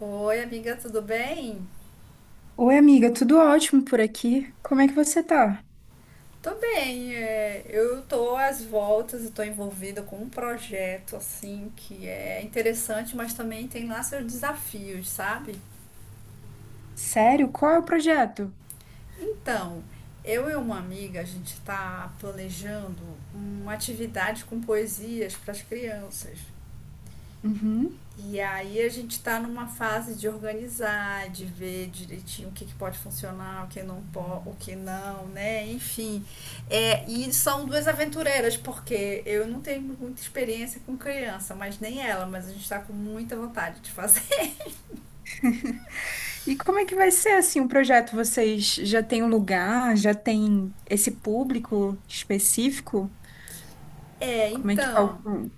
Oi, amiga, tudo bem? Oi, amiga, tudo ótimo por aqui. Como é que você tá? Tô bem, eu tô às voltas e tô envolvida com um projeto assim que é interessante, mas também tem lá seus desafios, sabe? Sério? Qual é o projeto? Então, eu e uma amiga, a gente tá planejando uma atividade com poesias para as crianças. Uhum. E aí a gente está numa fase de organizar, de ver direitinho o que pode funcionar, o que não pode, o que não, né? Enfim. É, e são duas aventureiras, porque eu não tenho muita experiência com criança, mas nem ela, mas a gente está com muita vontade de fazer. E como é que vai ser assim o projeto? Vocês já têm um lugar? Já tem esse público específico? É, Como é que tá então, o...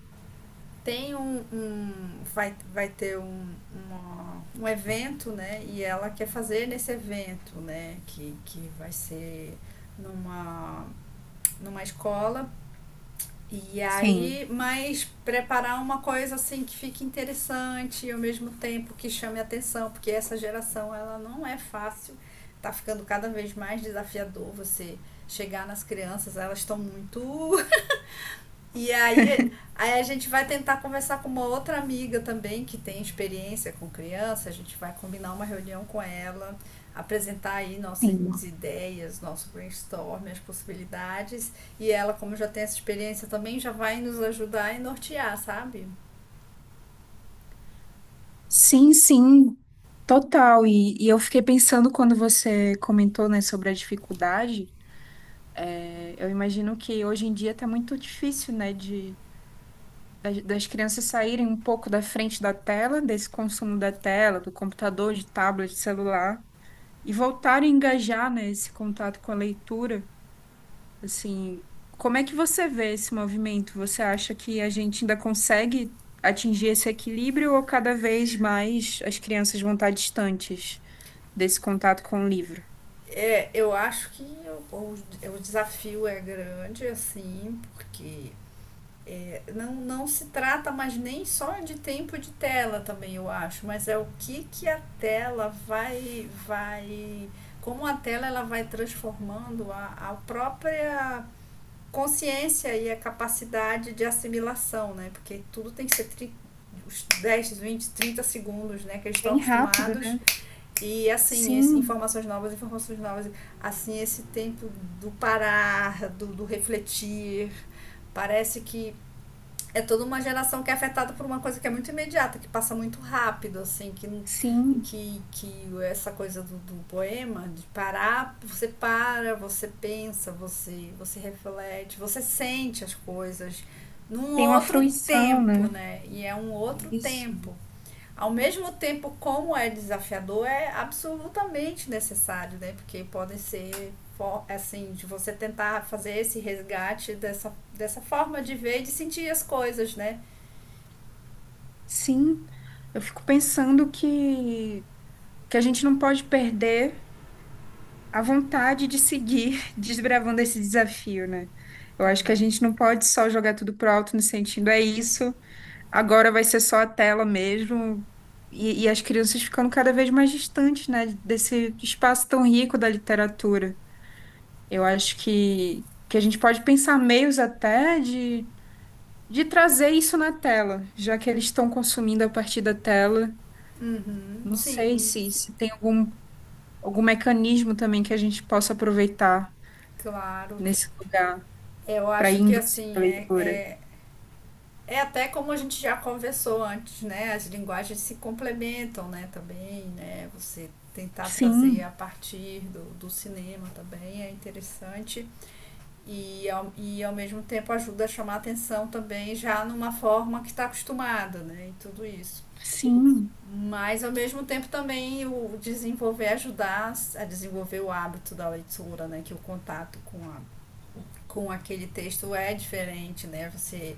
tem um. Um vai, vai ter um, uma, um evento, né? E ela quer fazer nesse evento, né? Que vai ser numa, numa escola. E Sim. aí, mas preparar uma coisa assim que fique interessante e ao mesmo tempo que chame atenção, porque essa geração ela não é fácil, tá ficando cada vez mais desafiador você chegar nas crianças, elas estão muito e aí, aí a gente vai tentar conversar com uma outra amiga também que tem experiência com criança, a gente vai combinar uma reunião com ela, apresentar aí nossas Sim, ideias, nosso brainstorm, as possibilidades, e ela, como já tem essa experiência também, já vai nos ajudar e nortear, sabe? sim, sim, total. E eu fiquei pensando quando você comentou, né, sobre a dificuldade. é, eu imagino que hoje em dia tá muito difícil, né, das crianças saírem um pouco da frente da tela, desse consumo da tela, do computador, de tablet, de celular, e voltarem a engajar, né, esse contato com a leitura. Assim, como é que você vê esse movimento? Você acha que a gente ainda consegue atingir esse equilíbrio ou cada vez mais as crianças vão estar distantes desse contato com o livro? É, eu acho que o, o, o desafio é grande, assim, porque é, não se trata mais nem só de tempo de tela também, eu acho, mas é o que a tela vai como a tela ela vai transformando a própria consciência e a capacidade de assimilação, né? Porque tudo tem que ser tri, os 10, segundos, né? Que eles estão Bem rápido, acostumados. né? E assim, esse, Sim, informações novas, informações novas. Assim, esse tempo do parar, do refletir, parece que é toda uma geração que é afetada por uma coisa que é muito imediata, que passa muito rápido, assim, sim. Que essa coisa do poema, de parar, você para, você pensa, você reflete, você sente as coisas num Tem uma outro fruição, tempo, né? né? E é um outro Isso. tempo. Ao mesmo tempo, como é desafiador, é absolutamente necessário, né? Porque podem ser assim, de você tentar fazer esse resgate dessa forma de ver e de sentir as coisas, né? Sim, eu fico pensando que a gente não pode perder a vontade de seguir desbravando esse desafio, né? Eu acho que a gente não pode só jogar tudo pro alto no sentido, é isso, agora vai ser só a tela mesmo. E as crianças ficando cada vez mais distantes, né, desse espaço tão rico da literatura. Eu acho que a gente pode pensar meios até de trazer isso na tela, já que eles estão consumindo a partir da tela. Não sei Sim, se tem algum, algum mecanismo também que a gente possa aproveitar claro. nesse lugar Eu para acho que induzir a assim, leitura. É até como a gente já conversou antes, né? As linguagens se complementam, né, também, né? Você tentar trazer a Sim, partir do cinema também é interessante e ao mesmo tempo ajuda a chamar atenção também já numa forma que está acostumada, né? E tudo isso. sim. Mas ao mesmo tempo também o desenvolver, ajudar a desenvolver o hábito da leitura, né? Que é o contato com a com aquele texto é diferente, né? Você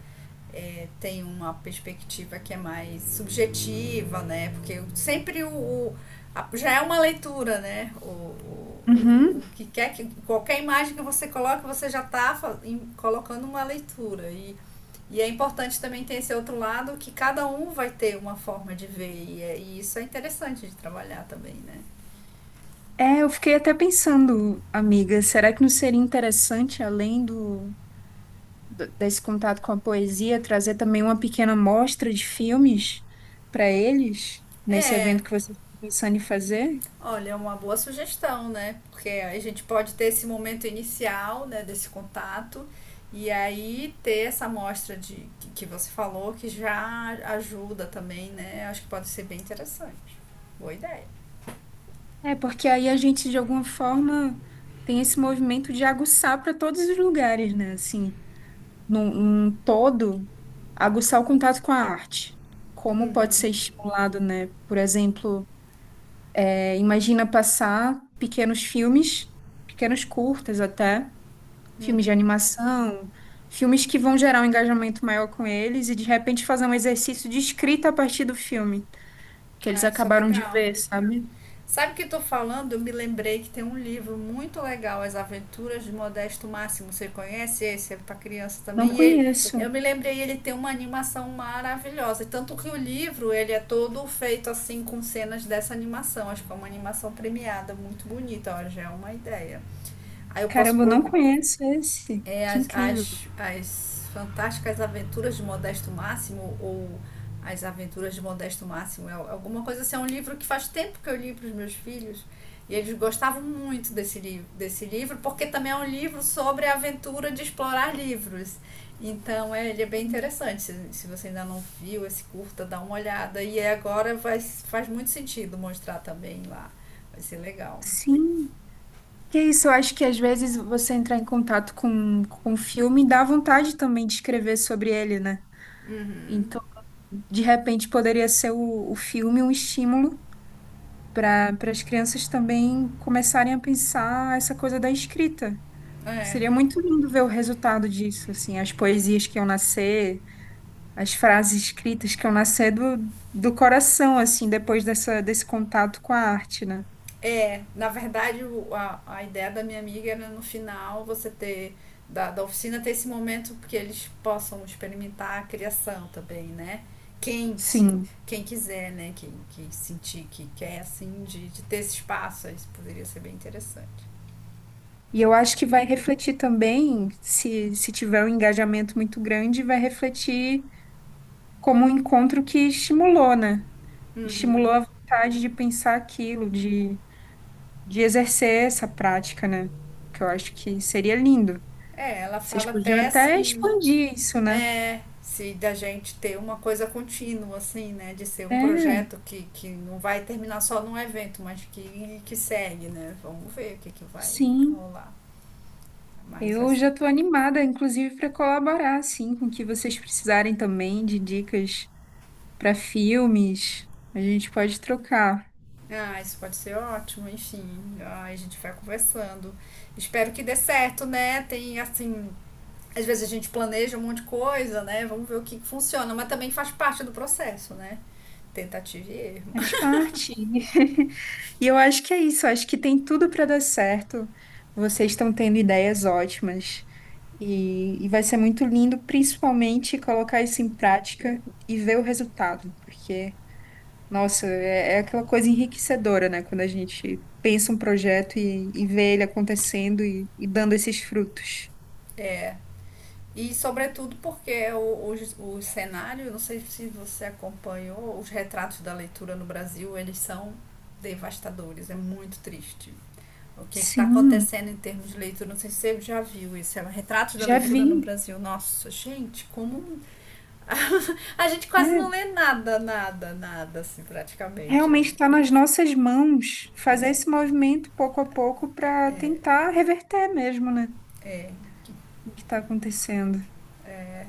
é, tem uma perspectiva que é mais subjetiva, né? Porque sempre o já é uma leitura, né? Uhum. O que quer que qualquer imagem que você coloca, você já está colocando uma leitura e é importante também ter esse outro lado que cada um vai ter uma forma de ver e, e isso é interessante de trabalhar também, né? É, eu fiquei até pensando, amiga, será que não seria interessante, além do, desse contato com a poesia, trazer também uma pequena mostra de filmes para eles, nesse É, evento que você está pensando em fazer? olha, é uma boa sugestão, né? Porque a gente pode ter esse momento inicial, né, desse contato, e aí ter essa amostra de, que você falou, que já ajuda também, né? Acho que pode ser bem interessante. Boa ideia. É, porque aí a gente, de alguma forma, tem esse movimento de aguçar para todos os lugares, né? Assim. Num, num todo, aguçar o contato com a arte. Como pode ser estimulado, né? Por exemplo, imagina passar pequenos filmes, pequenos curtas até, filmes de animação, filmes que vão gerar um engajamento maior com eles e de repente fazer um exercício de escrita a partir do filme que eles Ah, isso é acabaram de legal. ver, sabe? Sabe o que estou falando? Eu me lembrei que tem um livro muito legal, As Aventuras de Modesto Máximo. Você conhece esse? É para criança também. Não E ele, eu conheço. me lembrei, ele tem uma animação maravilhosa. Tanto que o livro, ele é todo feito assim com cenas dessa animação. Acho que é uma animação premiada, muito bonita. Olha, já é uma ideia. Aí eu posso Caramba, eu não pôr conheço esse. é, Que incrível. As Fantásticas Aventuras de Modesto Máximo ou As Aventuras de Modesto Máximo, é alguma coisa assim, é um livro que faz tempo que eu li para os meus filhos e eles gostavam muito desse livro, porque também é um livro sobre a aventura de explorar livros. Então é, ele é bem interessante. Se você ainda não viu esse curta, dá uma olhada. E agora vai, faz muito sentido mostrar também lá. Vai ser legal. Sim. Que isso, eu acho que às vezes você entrar em contato com um filme dá vontade também de escrever sobre ele, né? Então, de repente, poderia ser o filme um estímulo para as crianças também começarem a pensar essa coisa da escrita. É. Seria muito lindo ver o resultado disso, assim, as poesias que iam nascer, as frases escritas que iam nascer do, do coração, assim, depois dessa, desse contato com a arte, né? É, na verdade, a ideia da minha amiga era no final você ter, da oficina, ter esse momento que eles possam experimentar a criação também, né? Quem se, Sim. quem quiser, né? Quem sentir que quer, assim, de ter esse espaço, isso poderia ser bem interessante. E eu acho que vai refletir também, se tiver um engajamento muito grande, vai refletir como um encontro que estimulou, né? Estimulou Uhum. a vontade de pensar aquilo, de exercer essa prática, né? Que eu acho que seria lindo. É, ela Vocês fala podiam até até assim, expandir isso, né? é, se da gente ter uma coisa contínua, assim, né? De ser um É, projeto que não vai terminar só num evento, mas que segue, né? Vamos ver que vai sim. rolar. Mas vai Eu ser já estou animada, inclusive, para colaborar, assim, com o que vocês precisarem também de dicas para filmes. A gente pode trocar. ah, isso pode ser ótimo, enfim. Ah, a gente vai conversando. Espero que dê certo, né? Tem assim. Às vezes a gente planeja um monte de coisa, né? Vamos ver o que que funciona, mas também faz parte do processo, né? Tentativa e erro. Faz parte. E eu acho que é isso, eu acho que tem tudo para dar certo. Vocês estão tendo ideias ótimas e vai ser muito lindo, principalmente colocar isso em prática e ver o resultado, porque, nossa, é, é aquela coisa enriquecedora, né? Quando a gente pensa um projeto e vê ele acontecendo e dando esses frutos. E sobretudo porque o cenário, não sei se você acompanhou, os retratos da leitura no Brasil, eles são devastadores, é muito triste. O que está Sim, acontecendo em termos de leitura, não sei se você já viu isso, é um retrato da já leitura no vi. Brasil. Nossa, gente, como. A gente quase não É, lê nada, nada, nada, assim, praticamente, realmente né? está nas nossas mãos fazer esse movimento pouco a pouco para tentar reverter mesmo, né? É, O que está acontecendo é,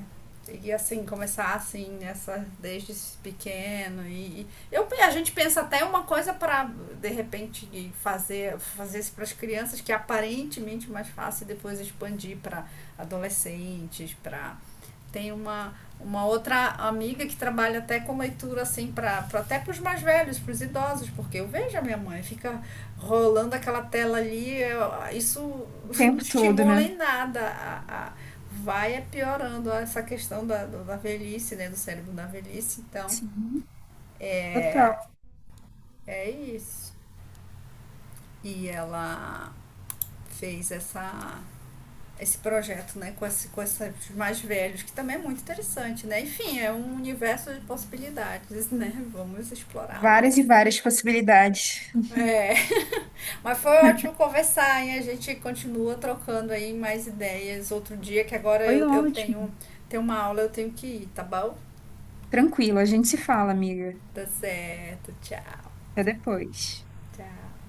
e assim, começar assim, nessa, desde pequeno. E eu, a gente pensa até uma coisa para, de repente, fazer isso para as crianças, que é aparentemente mais fácil depois expandir para adolescentes, para tem uma outra amiga que trabalha até com leitura assim até para os mais velhos, para os idosos, porque eu vejo a minha mãe fica rolando aquela tela ali, eu, isso o não tempo todo, estimula né? em nada. Vai é piorando essa questão da velhice, né, do cérebro da velhice, então Sim, total. é isso. E ela fez essa esse projeto, né, com, esse, com esses mais velhos, que também é muito interessante, né? Enfim, é um universo de possibilidades, né? Vamos explorá-lo. Várias e várias possibilidades. É, mas foi ótimo conversar, hein? A gente continua trocando aí mais ideias outro dia, que agora Foi eu tenho, ótimo. tenho uma aula, eu tenho que ir, tá bom? Tranquilo, a gente se fala, amiga. Tá certo, tchau, Até depois. tchau.